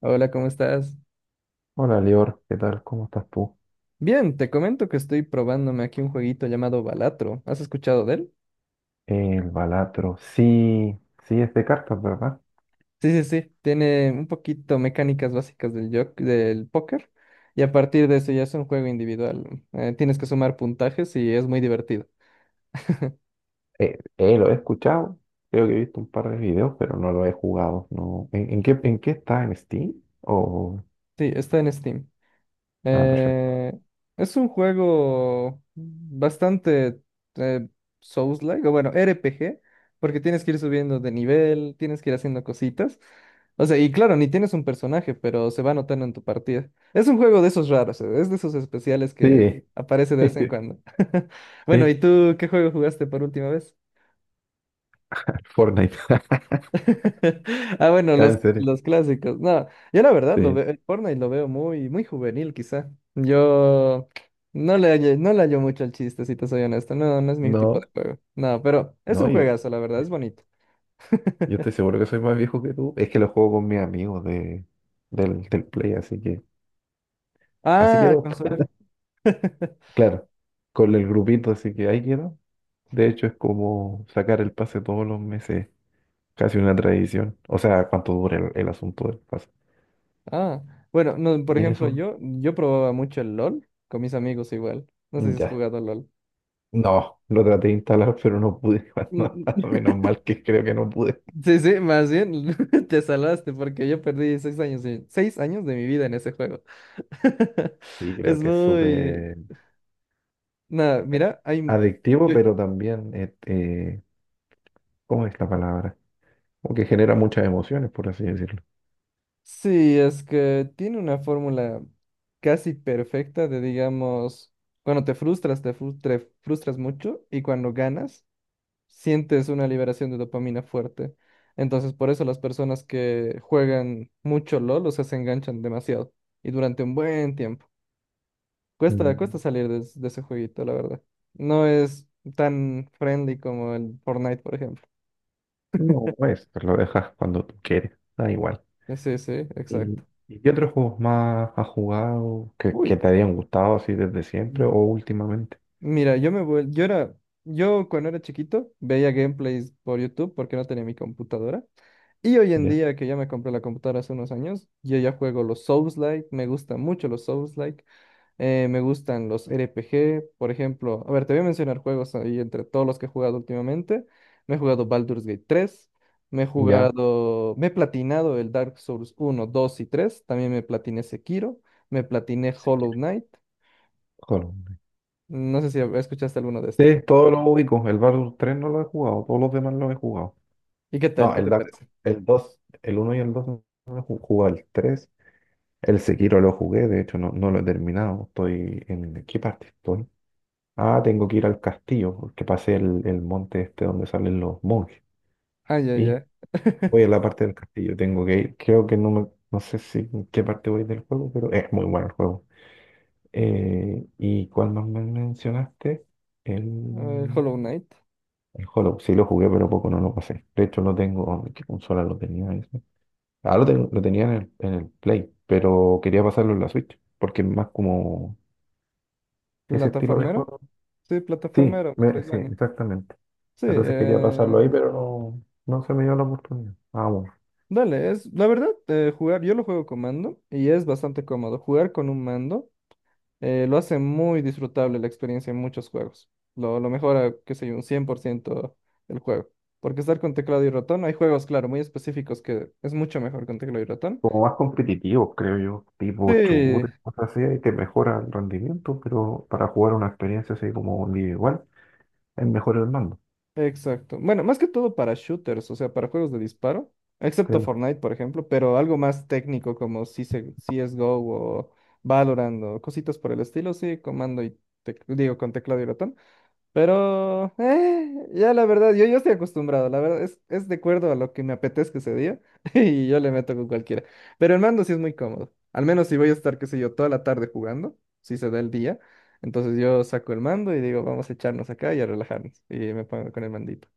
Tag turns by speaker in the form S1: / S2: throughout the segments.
S1: Hola, ¿cómo estás?
S2: Hola, Lior, ¿qué tal? ¿Cómo estás tú?
S1: Bien, te comento que estoy probándome aquí un jueguito llamado Balatro. ¿Has escuchado de él?
S2: El Balatro, sí, sí es de cartas, ¿verdad?
S1: Sí, sí, sí. Tiene un poquito mecánicas básicas del póker y a partir de eso ya es un juego individual. Tienes que sumar puntajes y es muy divertido.
S2: Lo he escuchado, creo que he visto un par de videos, pero no lo he jugado, no. ¿En qué está? ¿En Steam? O...
S1: Sí, está en Steam.
S2: Ah, perfecto.
S1: Eh, es un juego bastante eh, Souls-like, o bueno, RPG, porque tienes que ir subiendo de nivel, tienes que ir haciendo cositas. O sea, y claro, ni tienes un personaje, pero se va notando en tu partida. Es un juego de esos raros, es de esos especiales que
S2: Sí,
S1: aparece de vez en cuando. Bueno,
S2: sí,
S1: ¿y tú qué juego jugaste por última vez?
S2: Fortnite,
S1: Ah, bueno,
S2: Ah, en
S1: los,
S2: serio,
S1: los clásicos. No, yo la verdad lo
S2: sí.
S1: veo, el Fortnite lo veo muy, muy juvenil quizá. Yo no le hallo mucho al chiste, si te soy honesto. No, no es mi tipo de
S2: No,
S1: juego. No, pero es
S2: no,
S1: un juegazo, la verdad,
S2: yo,
S1: es bonito.
S2: yo estoy seguro que soy más viejo que tú, es que lo juego con mis amigos del Play, así que, así
S1: Ah,
S2: quedó,
S1: consola.
S2: claro, con el grupito, así que ahí quedó. De hecho, es como sacar el pase todos los meses, casi una tradición. O sea, cuánto dura el asunto del pase.
S1: Ah, bueno, no, por
S2: Y en
S1: ejemplo,
S2: eso,
S1: yo probaba mucho el LOL con mis amigos igual. No sé si has
S2: ya.
S1: jugado LOL.
S2: No, lo traté de instalar, pero no pude. No,
S1: Mm, mm. Mm.
S2: menos mal que creo que no pude.
S1: Sí, sí, más bien te salvaste porque yo perdí seis años de mi vida en ese juego.
S2: Sí,
S1: Es
S2: creo que es
S1: muy...
S2: súper
S1: Nada, mira, hay...
S2: adictivo,
S1: Yo...
S2: pero también, ¿cómo es la palabra? Como que genera muchas emociones, por así decirlo.
S1: Sí, es que tiene una fórmula casi perfecta de, digamos, cuando te frustras, te frustras mucho y cuando ganas, sientes una liberación de dopamina fuerte. Entonces, por eso las personas que juegan mucho LOL, o sea, se enganchan demasiado y durante un buen tiempo. Cuesta
S2: Mm,
S1: salir de ese jueguito, la verdad. No es tan friendly como el Fortnite, por ejemplo.
S2: No, es, lo dejas cuando tú quieres, da igual.
S1: Sí, sí, exacto.
S2: ¿Y qué otros juegos más has jugado que
S1: Uy,
S2: te hayan gustado así desde siempre
S1: m-
S2: o últimamente?
S1: mira, yo me vuel- yo era, yo cuando era chiquito veía gameplays por YouTube porque no tenía mi computadora. Y hoy en
S2: Ya,
S1: día que ya me compré la computadora hace unos años, yo ya juego los Souls-like, me gustan mucho los Souls-like, me gustan los RPG, por ejemplo, a ver, te voy a mencionar juegos ahí entre todos los que he jugado últimamente. Me he jugado Baldur's Gate 3, me he
S2: ya,
S1: jugado, me he platinado el Dark Souls 1, 2 y 3. También me platiné Sekiro, me platiné
S2: si
S1: Hollow
S2: quieres.
S1: Knight.
S2: Joder.
S1: No sé si escuchaste alguno de estos.
S2: Sí, todos los ubico. El Battle 3 no lo he jugado, todos los demás los he jugado.
S1: ¿Y qué tal?
S2: No,
S1: ¿Qué
S2: el
S1: te
S2: Dark Souls,
S1: parece?
S2: el 2, el 1 y el 2 no lo he jugado, el tres. El Sekiro lo jugué, de hecho no, no lo he terminado. ¿Qué parte estoy? Ah, tengo que ir al castillo, porque pasé el monte este donde salen los monjes.
S1: Ah, ya, ya.
S2: Voy a la parte del castillo, tengo que ir. Creo que no sé si en qué parte voy del juego, pero es muy bueno el juego. ¿Y cuál más me mencionaste?
S1: A ver,
S2: El,
S1: Hollow Knight.
S2: el Hollow. Sí, lo jugué, pero poco no lo pasé. De hecho, no tengo. ¿En ¿Qué consola lo tenía ese? Ah, lo tenía en el Play, pero quería pasarlo en la Switch, porque es más como ese estilo de
S1: ¿Plataformero?
S2: juego.
S1: Sí,
S2: Sí,
S1: plataformero,
S2: sí,
S1: Metroidvania.
S2: exactamente.
S1: Sí,
S2: Entonces quería pasarlo ahí, pero no, no se me dio la oportunidad. Vamos.
S1: dale, es la verdad, jugar, yo lo juego con mando y es bastante cómodo. Jugar con un mando lo hace muy disfrutable la experiencia en muchos juegos. Lo mejora, qué sé yo, un 100% el juego. Porque estar con teclado y ratón, hay juegos, claro, muy específicos que es mucho mejor con teclado y ratón.
S2: Como más competitivos, creo yo, tipo
S1: Sí,
S2: shooters, cosas así, y te mejora el rendimiento, pero para jugar una experiencia así como individual, es mejor el mando,
S1: exacto. Bueno, más que todo para shooters, o sea, para juegos de disparo, excepto
S2: creo.
S1: Fortnite, por ejemplo, pero algo más técnico como CS, CSGO o Valorant o cositas por el estilo, sí, comando y digo, con teclado y ratón. Pero, ya la verdad, yo estoy acostumbrado, la verdad, es de acuerdo a lo que me apetezca ese día y yo le meto con cualquiera. Pero el mando sí es muy cómodo, al menos si voy a estar, qué sé yo, toda la tarde jugando, si se da el día, entonces yo saco el mando y digo, vamos a echarnos acá y a relajarnos y me pongo con el mandito.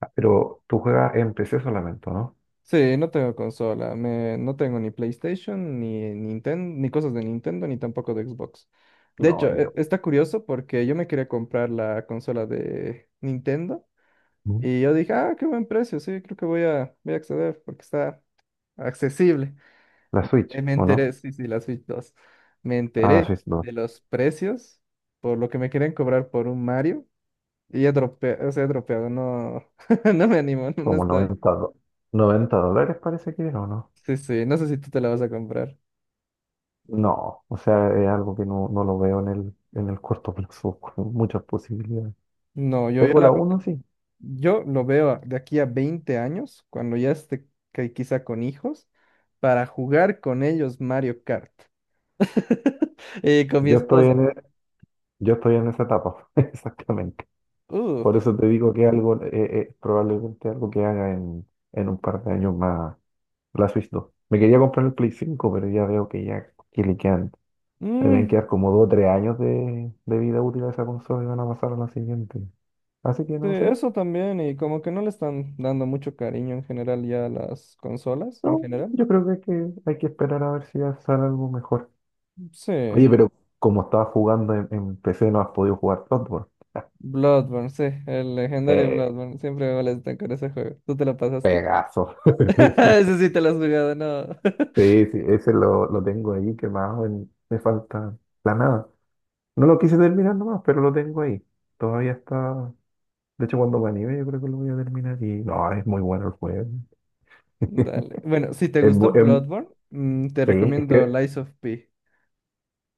S2: Ah, pero tú juegas en PC solamente, ¿o no?
S1: Sí, no tengo consola, no tengo ni PlayStation, ni Nintendo, ni cosas de Nintendo, ni tampoco de Xbox. De
S2: No,
S1: hecho,
S2: yo.
S1: está curioso porque yo me quería comprar la consola de Nintendo.
S2: ¿Mm?
S1: Y yo dije, ah, qué buen precio, sí, creo que voy a acceder porque está accesible.
S2: La Switch,
S1: Me
S2: ¿o no?
S1: enteré, sí, sí, la Switch 2. Me
S2: Ah, la
S1: enteré
S2: Switch no.
S1: de los precios por lo que me querían cobrar por un Mario y he dropeado, o sea, he dropeado, no, no me animo, no, no
S2: Como
S1: estoy.
S2: noventa do- $90 parece que era, ¿o no?
S1: Sí, sí, no sé si tú te la vas a comprar.
S2: No, o sea, es algo que no, no lo veo en el corto plazo, con muchas posibilidades.
S1: No, yo, yo,
S2: Tengo la
S1: la,
S2: uno, sí.
S1: yo lo veo de aquí a 20 años, cuando ya esté que quizá con hijos, para jugar con ellos Mario Kart. Y con mi
S2: Yo estoy
S1: esposa,
S2: en, e- yo estoy en esa etapa, exactamente.
S1: ¿no?
S2: Por eso te digo que algo, probablemente algo que haga en un par de años más la Switch 2. Me quería comprar el Play 5, pero ya veo que ya que le quedan, le deben
S1: Mm,
S2: quedar como 2 o 3 años de vida útil a esa consola y van a pasar a la siguiente. Así
S1: sí,
S2: que no sé.
S1: eso también, y como que no le están dando mucho cariño en general ya a las consolas, en
S2: No,
S1: general.
S2: yo creo que hay que esperar a ver si ya sale algo mejor.
S1: Sí,
S2: Oye, pero como estaba jugando en PC, no has podido jugar Bloodborne.
S1: Bloodborne, sí, el legendario
S2: Eh,
S1: Bloodborne, siempre me molesta con ese juego. ¿Tú te lo pasaste?
S2: Pegaso.
S1: Ese sí te lo has jugado, no.
S2: Sí, sí, ese lo tengo ahí quemado, me falta la nada. No lo quise terminar nomás, pero lo tengo ahí. Todavía está. De hecho, cuando me anime, yo creo que lo voy a terminar. Y no, es muy bueno el juego.
S1: Dale. Bueno, si te
S2: Es
S1: gustó
S2: bu- em,
S1: Bloodborne, te
S2: sí, es
S1: recomiendo
S2: que.
S1: Lies of P.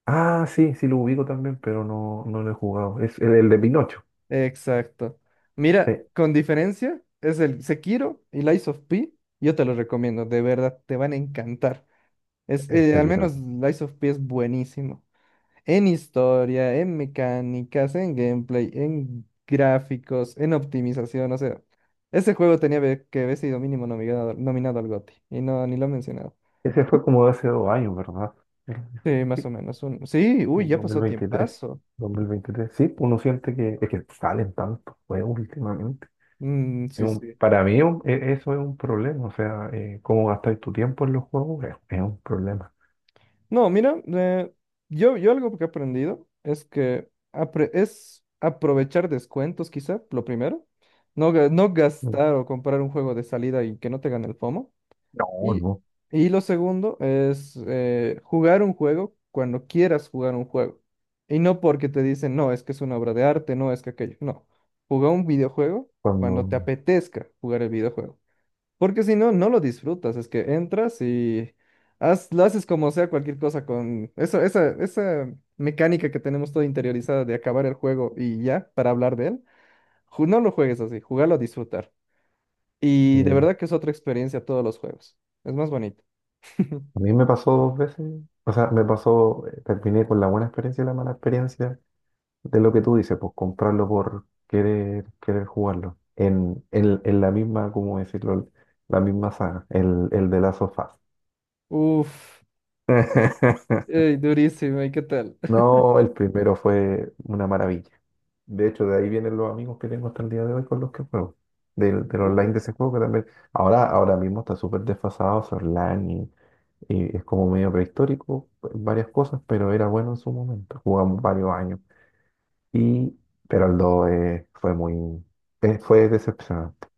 S2: Ah, sí, sí lo ubico también, pero no, no lo he jugado. Es el de Pinocho.
S1: Exacto.
S2: Sí,
S1: Mira, con diferencia, es el Sekiro y Lies of P, yo te lo recomiendo, de verdad, te van a encantar.
S2: el
S1: Al
S2: Sekiro.
S1: menos Lies of P es buenísimo en historia, en mecánicas, en gameplay, en gráficos, en optimización. O sea, ese juego tenía que haber sido mínimo nominado, al GOTY y no, ni lo he mencionado.
S2: Ese fue como de hace dos años, ¿verdad? El-
S1: Sí, más o
S2: sí,
S1: menos. Sí, uy, ya pasó
S2: 2023.
S1: tiempazo.
S2: 2023. Sí, uno siente que es que salen tantos juegos últimamente.
S1: Mm,
S2: Es
S1: sí,
S2: un-
S1: sí.
S2: para mí un- e- Eso es un problema, o sea, cómo gastar tu tiempo en los juegos es un problema.
S1: No, mira, yo algo que he aprendido es que es aprovechar descuentos, quizá, lo primero. No, no
S2: Mm.
S1: gastar o comprar un juego de salida y que no te gane el FOMO.
S2: No,
S1: Y,
S2: no,
S1: y lo segundo es jugar un juego cuando quieras jugar un juego. Y no porque te dicen, no, es que es una obra de arte, no, es que aquello. No, juega un videojuego cuando
S2: cuando
S1: te apetezca jugar el videojuego. Porque si no, no lo disfrutas. Es que entras y lo haces como sea cualquier cosa con eso, esa mecánica que tenemos toda interiorizada de acabar el juego y ya, para hablar de él. No lo juegues así, jugalo a disfrutar. Y de
S2: eh,
S1: verdad que es otra experiencia todos los juegos. Es más bonito.
S2: a mí me pasó dos veces, o sea, me pasó, terminé con la buena experiencia y la mala experiencia de lo que tú dices, pues comprarlo por querer, jugarlo, en la misma, ¿cómo decirlo? La misma saga, el de Last of Us.
S1: Uf, ey, durísimo, ¿y qué tal?
S2: No, el primero fue una maravilla. De hecho, de ahí vienen los amigos que tengo hasta el día de hoy con los que juego. Del online
S1: Uy.
S2: de ese juego que también. Ahora mismo está súper desfasado ese online y es como medio prehistórico, en varias cosas, pero era bueno en su momento. Jugamos varios años. Y, pero el 2 fue muy. Fue decepcionante.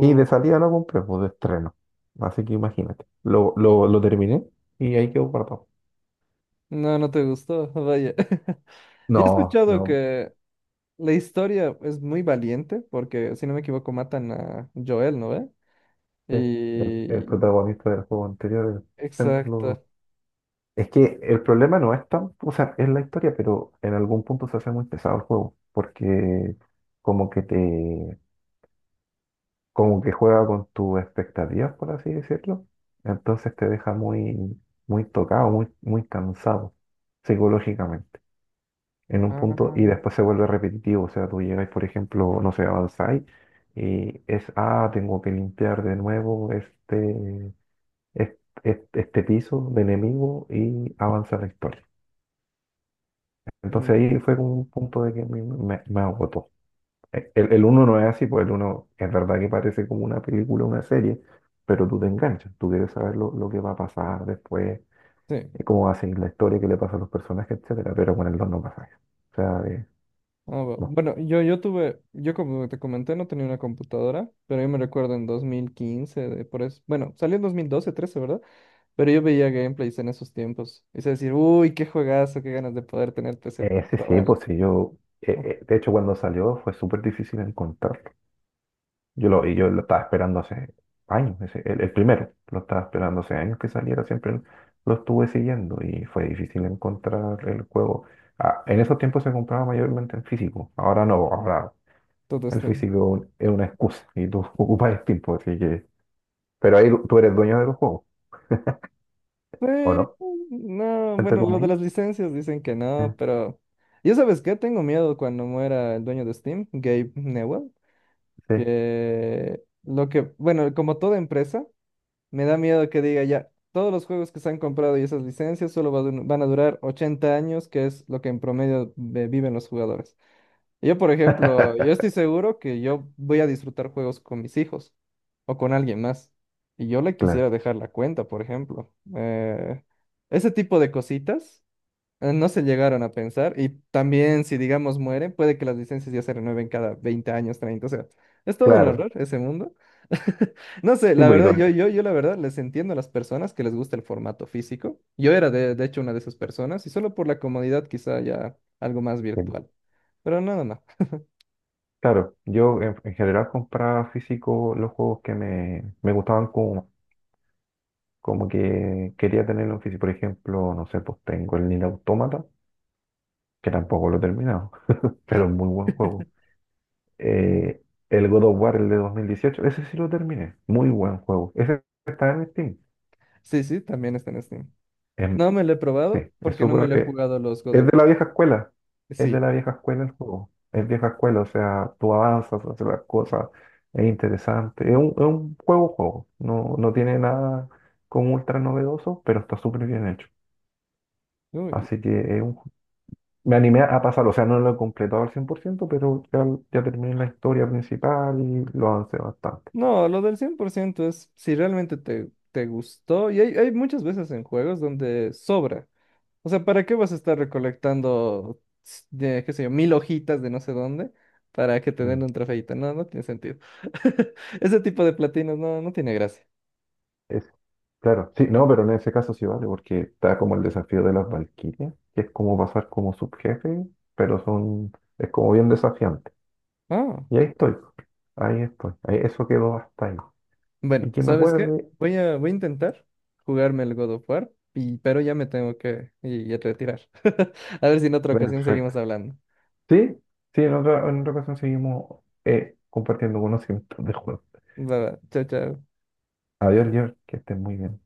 S2: Y de salida lo compré, pues de estreno. Así que imagínate. Lo terminé y ahí quedó guardado.
S1: no, no te gustó, vaya. Y he
S2: No,
S1: escuchado
S2: no.
S1: que la historia es muy valiente, porque si no me equivoco, matan a Joel, ¿no ve?
S2: Sí, el
S1: Y.
S2: protagonista del juego anterior, el Centro
S1: Exacto.
S2: Es que el problema no es tan, o sea, es la historia, pero en algún punto se hace muy pesado el juego, porque como que te, como que juega con tus expectativas, por así decirlo, entonces te deja muy, muy tocado, muy, muy cansado psicológicamente, en un punto, y
S1: Ah,
S2: después se vuelve repetitivo, o sea, tú llegas, por ejemplo, no sé, avanzáis, y es, tengo que limpiar de nuevo este, este piso de enemigo y avanza la historia. Entonces
S1: mm,
S2: ahí fue como un punto de que me agotó. El uno no es así, pues el uno es verdad que parece como una película, una serie, pero tú te enganchas, tú quieres saber lo que va a pasar después,
S1: sí.
S2: cómo va a seguir la historia, qué le pasa a los personajes, etcétera, pero con el dos no pasa eso. O sea,
S1: Ah,
S2: no.
S1: bueno, yo como te comenté, no tenía una computadora, pero yo me recuerdo en 2015, de por eso, bueno, salió en 2012, 13, ¿verdad? Pero yo veía gameplays en esos tiempos. Y se decir, uy, qué juegazo, qué ganas de poder tener PC para
S2: Ese sí,
S1: probarlo.
S2: pues sí, yo,
S1: ¿No?
S2: eh, de hecho cuando salió fue súper difícil encontrarlo. Y yo lo estaba esperando hace años, el primero, lo estaba esperando hace años que saliera, siempre lo estuve siguiendo y fue difícil encontrar el juego. Ah, en esos tiempos se compraba mayormente en físico, ahora no, ahora
S1: Todo
S2: el
S1: Steam.
S2: físico es una excusa y tú ocupas el tiempo, así que... Pero ahí tú eres dueño de los juegos, ¿o
S1: Eh,
S2: no?
S1: no,
S2: Entre
S1: bueno, lo de
S2: comillas.
S1: las licencias dicen que no,
S2: Ah,
S1: pero. Yo sabes qué, tengo miedo cuando muera el dueño de Steam, Gabe Newell,
S2: sí.
S1: bueno, como toda empresa, me da miedo que diga ya, todos los juegos que se han comprado y esas licencias solo van a durar 80 años, que es lo que en promedio viven los jugadores. Yo, por ejemplo, yo estoy seguro que yo voy a disfrutar juegos con mis hijos o con alguien más. Y yo le
S2: Claro,
S1: quisiera dejar la cuenta, por ejemplo. Ese tipo de cositas no se llegaron a pensar. Y también, si digamos muere puede que las licencias ya se renueven cada 20 años, 30. O sea, es todo un
S2: claro.
S1: horror ese mundo. No sé,
S2: Sí,
S1: la
S2: porque
S1: verdad, yo la verdad les entiendo a las personas que les gusta el formato físico. Yo era de hecho una de esas personas y solo por la comodidad quizá ya algo más
S2: sí,
S1: virtual. Pero no, no, no.
S2: claro, yo en general compraba físico los juegos que me gustaban como que quería tenerlo en físico. Por ejemplo, no sé, pues tengo el Nier Automata, que tampoco lo he terminado, pero es muy buen juego. Eh, el God of War, el de 2018, ese sí lo terminé, muy buen juego. Ese está en Steam.
S1: Sí, sí, también está en Steam.
S2: Em,
S1: No me lo he
S2: sí,
S1: probado
S2: es
S1: porque no me
S2: súper-
S1: lo he
S2: eh,
S1: jugado los God
S2: es
S1: of
S2: de la
S1: War.
S2: vieja escuela, es de
S1: Sí.
S2: la vieja escuela el juego. Es vieja escuela, o sea, tú avanzas, haces las cosas, es interesante. Es un juego, juego. No, no tiene nada como ultra novedoso, pero está súper bien hecho.
S1: Uy.
S2: Así que es un. Me animé a pasar, o sea, no lo he completado al 100%, pero ya, ya terminé la historia principal y lo avancé bastante.
S1: No, lo del 100% es si realmente te gustó. Y hay muchas veces en juegos donde sobra. O sea, ¿para qué vas a estar recolectando, de, qué sé yo, mil hojitas de no sé dónde para que te den
S2: Mm.
S1: un trofeito? No, no tiene sentido. Ese tipo de platinos no tiene gracia.
S2: Es, claro, sí, no, pero en ese caso sí vale, porque está como el desafío de las Valquirias, que es como pasar como subjefe, pero es como bien desafiante.
S1: Ah.
S2: Y ahí estoy, ahí estoy, ahí, eso quedó hasta ahí.
S1: Bueno,
S2: Y que me
S1: ¿sabes qué?
S2: acuerde,
S1: Voy a intentar jugarme el God of War, pero ya me tengo que ir a retirar. A ver si en otra ocasión
S2: perfecto.
S1: seguimos hablando.
S2: Sí, sí, en otra ocasión seguimos compartiendo conocimientos de juego.
S1: Va, va. Chao, chao.
S2: Adiós, George, que estén muy bien.